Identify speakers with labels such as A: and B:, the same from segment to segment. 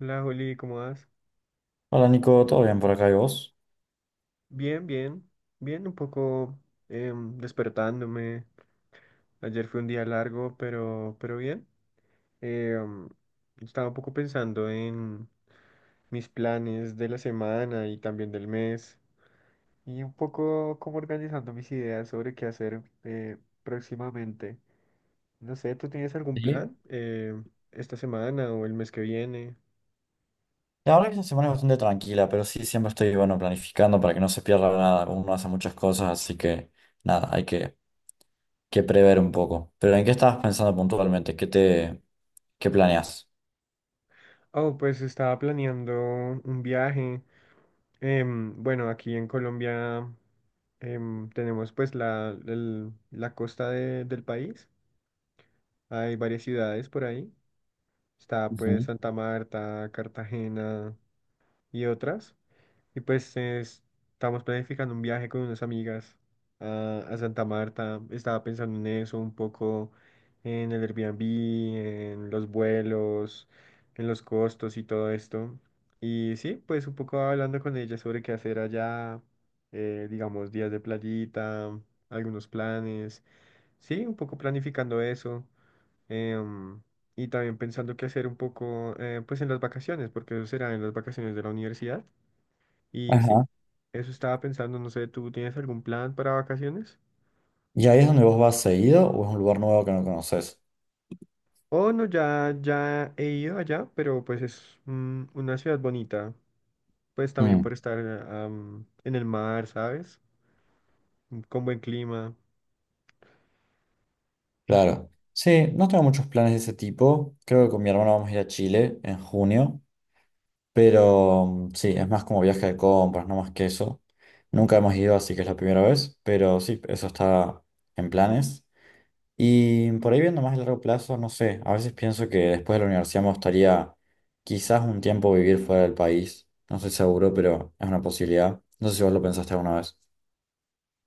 A: Hola, Juli, ¿cómo vas?
B: Hola Nico, ¿todo bien por acá y vos?
A: Bien, bien, bien, un poco despertándome. Ayer fue un día largo, pero, bien. Em, Estaba un poco pensando en mis planes de la semana y también del mes, y un poco como organizando mis ideas sobre qué hacer, próximamente. No sé, ¿tú tienes algún
B: Sí,
A: plan esta semana o el mes que viene?
B: la verdad que esta semana es bastante tranquila, pero sí siempre estoy, bueno, planificando para que no se pierda nada. Uno hace muchas cosas, así que nada, hay que prever un poco. Pero ¿en qué estabas pensando puntualmente? ¿Qué qué planeas?
A: Oh, pues estaba planeando un viaje. Bueno, aquí en Colombia tenemos pues la costa del país. Hay varias ciudades por ahí. Está pues
B: Ujú.
A: Santa Marta, Cartagena y otras. Y pues estamos planificando un viaje con unas amigas a Santa Marta. Estaba pensando en eso un poco, en el Airbnb, en los vuelos, en los costos y todo esto. Y sí, pues un poco hablando con ella sobre qué hacer allá, digamos, días de playita, algunos planes. Sí, un poco planificando eso. em, y también pensando qué hacer un poco, pues en las vacaciones, porque eso será en las vacaciones de la universidad. Y sí,
B: Ajá.
A: eso estaba pensando, no sé, ¿tú tienes algún plan para vacaciones?
B: ¿Y ahí es donde vos vas seguido o es un lugar nuevo que no conoces?
A: Oh, no, ya he ido allá, pero pues es una ciudad bonita, pues también
B: Mm,
A: por estar en el mar, ¿sabes? Mm, con buen clima. Ujú.
B: claro. Sí, no tengo muchos planes de ese tipo. Creo que con mi hermano vamos a ir a Chile en junio. Pero mm, sí, es más como viaje de compras, no más que eso. Nunca hemos ido, así que es la primera vez, pero sí, eso está en planes. Y por ahí viendo más a largo plazo, no sé, a veces pienso que después de la universidad me gustaría quizás un tiempo vivir fuera del país. No estoy seguro, pero es una posibilidad. No sé si vos lo pensaste alguna vez.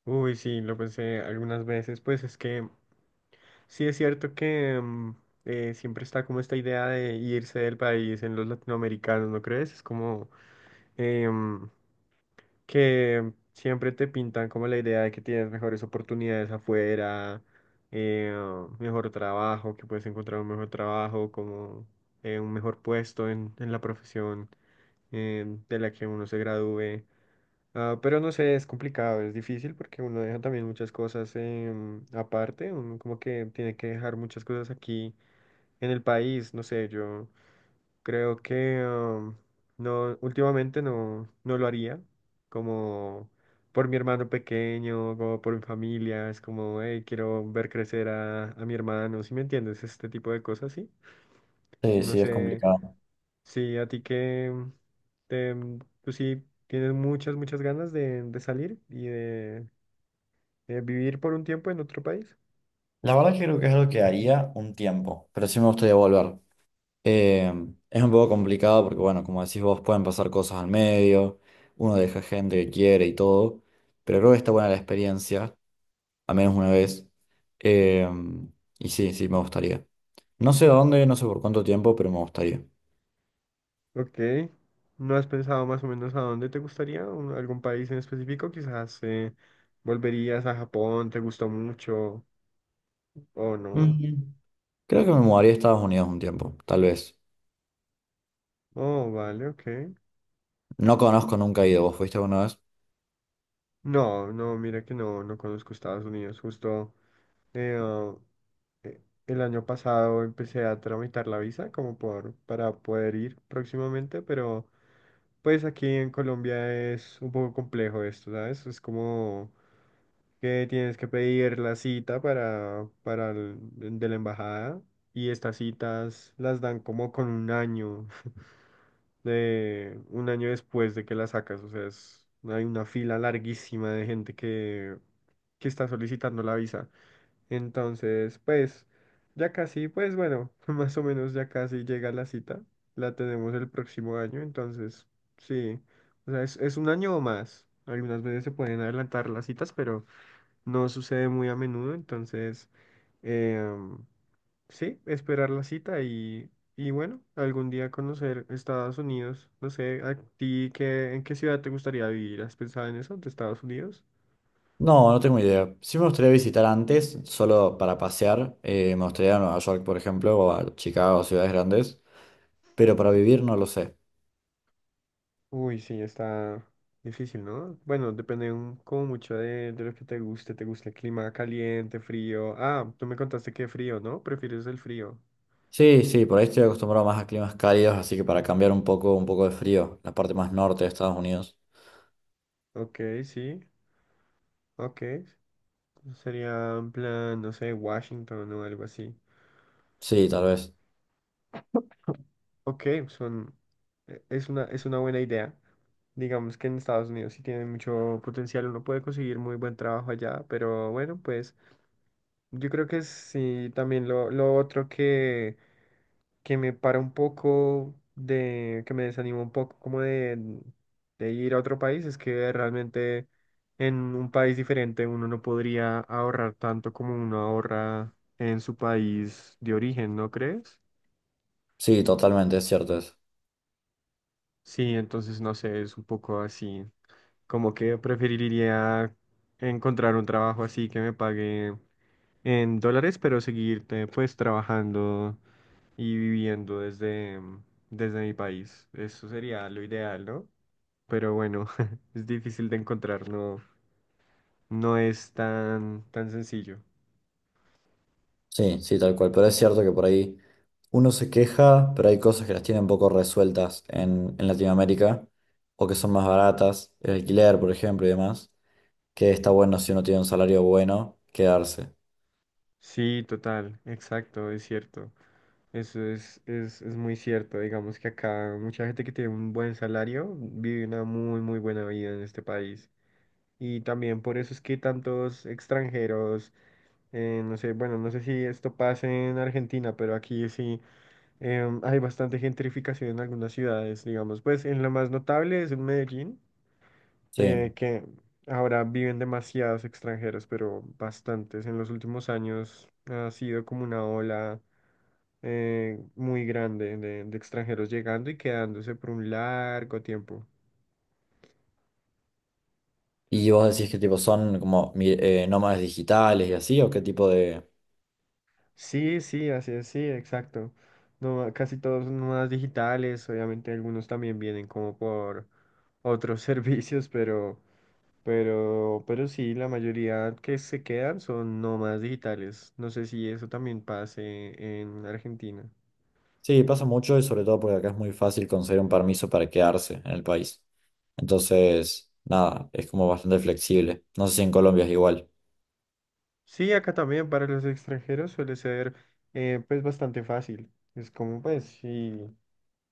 A: Uy, sí, lo pensé algunas veces, pues es que sí es cierto que siempre está como esta idea de irse del país en los latinoamericanos, ¿no crees? Es como… em, que siempre te pintan como la idea de que tienes mejores oportunidades afuera, eh, mejor trabajo, que puedes encontrar un mejor trabajo, como un mejor puesto en la profesión, de la que uno se gradúe. Ah, pero no sé, es complicado, es difícil porque uno deja también muchas cosas. Aparte, uno como que tiene que dejar muchas cosas aquí en el país, no sé, yo… Creo que no, últimamente no, no lo haría, como por mi hermano pequeño, como por mi familia, es como, hey, quiero ver crecer a mi hermano, ¿sí me entiendes? Este tipo de cosas, ¿sí?
B: Sí,
A: No
B: sí, es
A: sé
B: complicado.
A: si a ti te, tú sí tienes muchas ganas de salir y de vivir por un tiempo en otro país.
B: La verdad que creo que es algo que haría un tiempo, pero sí me gustaría volver. Eh, es un poco complicado porque, bueno, como decís vos, pueden pasar cosas al medio, uno deja gente que quiere y todo, pero creo que está buena la experiencia, al menos una vez. Eh, y sí, sí, me gustaría. No sé a dónde, no sé por cuánto tiempo, pero me gustaría.
A: Ok. ¿No has pensado más o menos a dónde te gustaría? ¿Un- ¿Algún país en específico? Quizás volverías a Japón, ¿te gustó mucho o no?
B: Mm, creo que me mudaría a Estados Unidos un tiempo, tal vez.
A: Oh, vale, ok.
B: No conozco, nunca he ido. ¿Vos fuiste alguna vez?
A: No, no, mira que no, no conozco Estados Unidos. Justo eh, ah, el año pasado empecé a tramitar la visa como por, para poder ir próximamente, pero pues aquí en Colombia es un poco complejo esto, ¿sabes? Es como… que tienes que pedir la cita para de la embajada, y estas citas las dan como con un año, de un año después de que las sacas, o sea, hay una fila larguísima de gente que está solicitando la visa. Entonces, pues ya casi, pues bueno, más o menos ya casi llega la cita. La tenemos el próximo año, entonces sí. O sea, es un año o más. Algunas veces se pueden adelantar las citas, pero no sucede muy a menudo, entonces em, sí, esperar la cita y bueno, algún día conocer Estados Unidos. No sé, ¿a ti qué, en qué ciudad te gustaría vivir? ¿Has pensado en eso, de Estados Unidos?
B: No, no tengo idea. Sí me gustaría visitar antes, solo para pasear. Me gustaría ir a Nueva York, por ejemplo, o a Chicago, ciudades grandes, pero para vivir no lo sé.
A: Uy, sí, está difícil, ¿no? Bueno, depende como mucho de lo que te guste. ¿Te gusta el clima caliente, frío? Ah, tú me contaste que frío, ¿no? ¿Prefieres el frío?
B: Sí, sí, por ahí estoy acostumbrado más a climas cálidos, así que para cambiar un poco de frío, la parte más norte de Estados Unidos.
A: Ok, sí, ok. Sería en plan, no sé, Washington o algo así.
B: Sí, tal vez.
A: Ok, son, es una buena idea. Digamos que en Estados Unidos sí tiene mucho potencial, uno puede conseguir muy buen trabajo allá, pero bueno, pues yo creo que sí, también lo otro que me para un poco que me desanima un poco como de ir a otro país es que realmente en un país diferente uno no podría ahorrar tanto como uno ahorra en su país de origen, ¿no crees?
B: Sí, totalmente, es cierto eso.
A: Sí, entonces no sé, es un poco así. Como que preferiría encontrar un trabajo así que me pague en dólares, pero seguir pues trabajando y viviendo desde, desde mi país. Eso sería lo ideal, ¿no? Pero bueno, es difícil de encontrar, no, no es tan, tan sencillo.
B: Sí, sí, tal cual. Pero es cierto que por ahí uno se queja, pero hay cosas que las tienen poco resueltas en Latinoamérica, o que son más baratas, el alquiler, por ejemplo, y demás, que está bueno si uno tiene un salario bueno, quedarse.
A: Sí, total, exacto, es cierto. Eso es muy cierto. Digamos que acá mucha gente que tiene un buen salario vive una muy, muy buena vida en este país. Y también por eso es que tantos extranjeros, no sé, bueno, no sé si esto pasa en Argentina, pero aquí sí hay bastante gentrificación en algunas ciudades, digamos. Pues en lo más notable es en Medellín,
B: Sí.
A: que ahora viven demasiados extranjeros, pero bastantes. En los últimos años ha sido como una ola muy grande de extranjeros llegando y quedándose por un largo tiempo.
B: ¿Y vos decís qué tipo son como nómadas digitales y así, o qué tipo de,
A: Sí, sí, así es, sí, exacto. No, casi todos son nómadas digitales, obviamente algunos también vienen como por otros servicios, pero, sí, la mayoría que se quedan son nómadas digitales. No sé si eso también pase en Argentina.
B: sí, pasa mucho y sobre todo porque acá es muy fácil conseguir un permiso para quedarse en el país. Entonces, nada, es como bastante flexible. No sé si en Colombia es igual.
A: Sí, acá también para los extranjeros suele ser pues bastante fácil. Es como pues sí.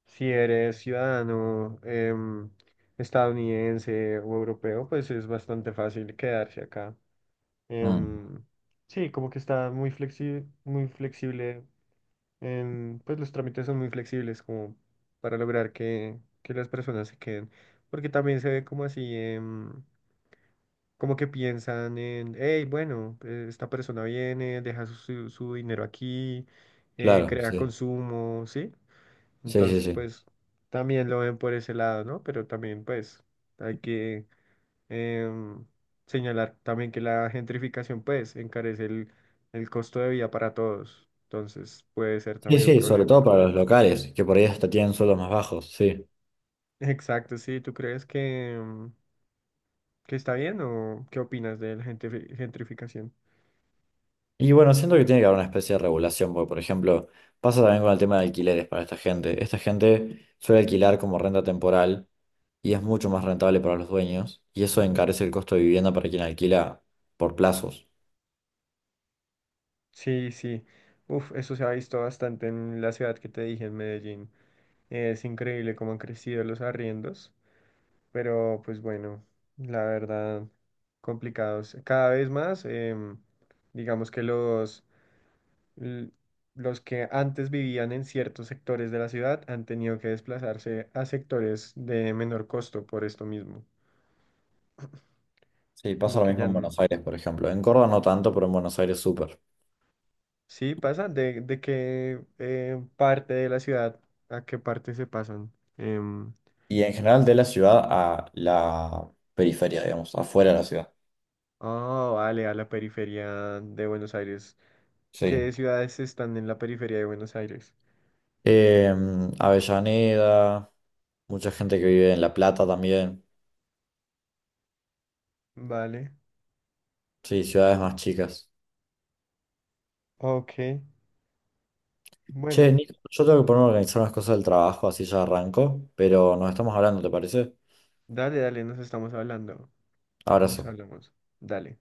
A: Si eres ciudadano estadounidense o europeo, pues es bastante fácil quedarse acá.
B: Mm,
A: Em, sí, como que está muy flexible pues los trámites son muy flexibles como para lograr que las personas se queden. Porque también se ve como así, como que piensan en, hey, bueno, esta persona viene, deja su, su dinero aquí,
B: claro,
A: crea
B: sí.
A: consumo, ¿sí?
B: Sí, sí,
A: Entonces,
B: sí.
A: pues, también lo ven por ese lado, ¿no? Pero también, pues, hay que em, señalar también que la gentrificación, pues, encarece el costo de vida para todos. Entonces, puede ser
B: Sí,
A: también un
B: sí, sobre todo
A: problema.
B: para los locales, que por ahí hasta tienen sueldos más bajos, sí.
A: Exacto, sí. ¿Tú crees que, que está bien o qué opinas de la gentrificación?
B: Y bueno, siento que tiene que haber una especie de regulación, porque por ejemplo, pasa también con el tema de alquileres para esta gente. Esta gente suele alquilar como renta temporal y es mucho más rentable para los dueños y eso encarece el costo de vivienda para quien alquila por plazos.
A: Sí, sí. Uf, eso se ha visto bastante en la ciudad que te dije, en Medellín. Es increíble cómo han crecido los arriendos. Pero pues bueno, la verdad, complicados. Cada vez más, digamos que los, l- los que antes vivían en ciertos sectores de la ciudad han tenido que desplazarse a sectores de menor costo por esto mismo.
B: Sí, pasa
A: Como
B: lo
A: que ya
B: mismo en Buenos Aires, por ejemplo. En Córdoba no tanto, pero en Buenos Aires súper.
A: sí pasa, de qué parte de la ciudad a qué parte se pasan.
B: Y en general de la ciudad a la periferia, digamos, afuera de la ciudad.
A: Oh, vale, a la periferia de Buenos Aires.
B: Sí.
A: ¿Qué ciudades están en la periferia de Buenos Aires?
B: Avellaneda, mucha gente que vive en La Plata también.
A: Vale,
B: Sí, ciudades más chicas.
A: ok.
B: Che,
A: Bueno,
B: Nico, yo tengo que ponerme a organizar unas cosas del trabajo, así ya arranco, pero nos estamos hablando, ¿te parece?
A: dale, dale, nos estamos hablando. Nos
B: Abrazo.
A: hablamos. Dale.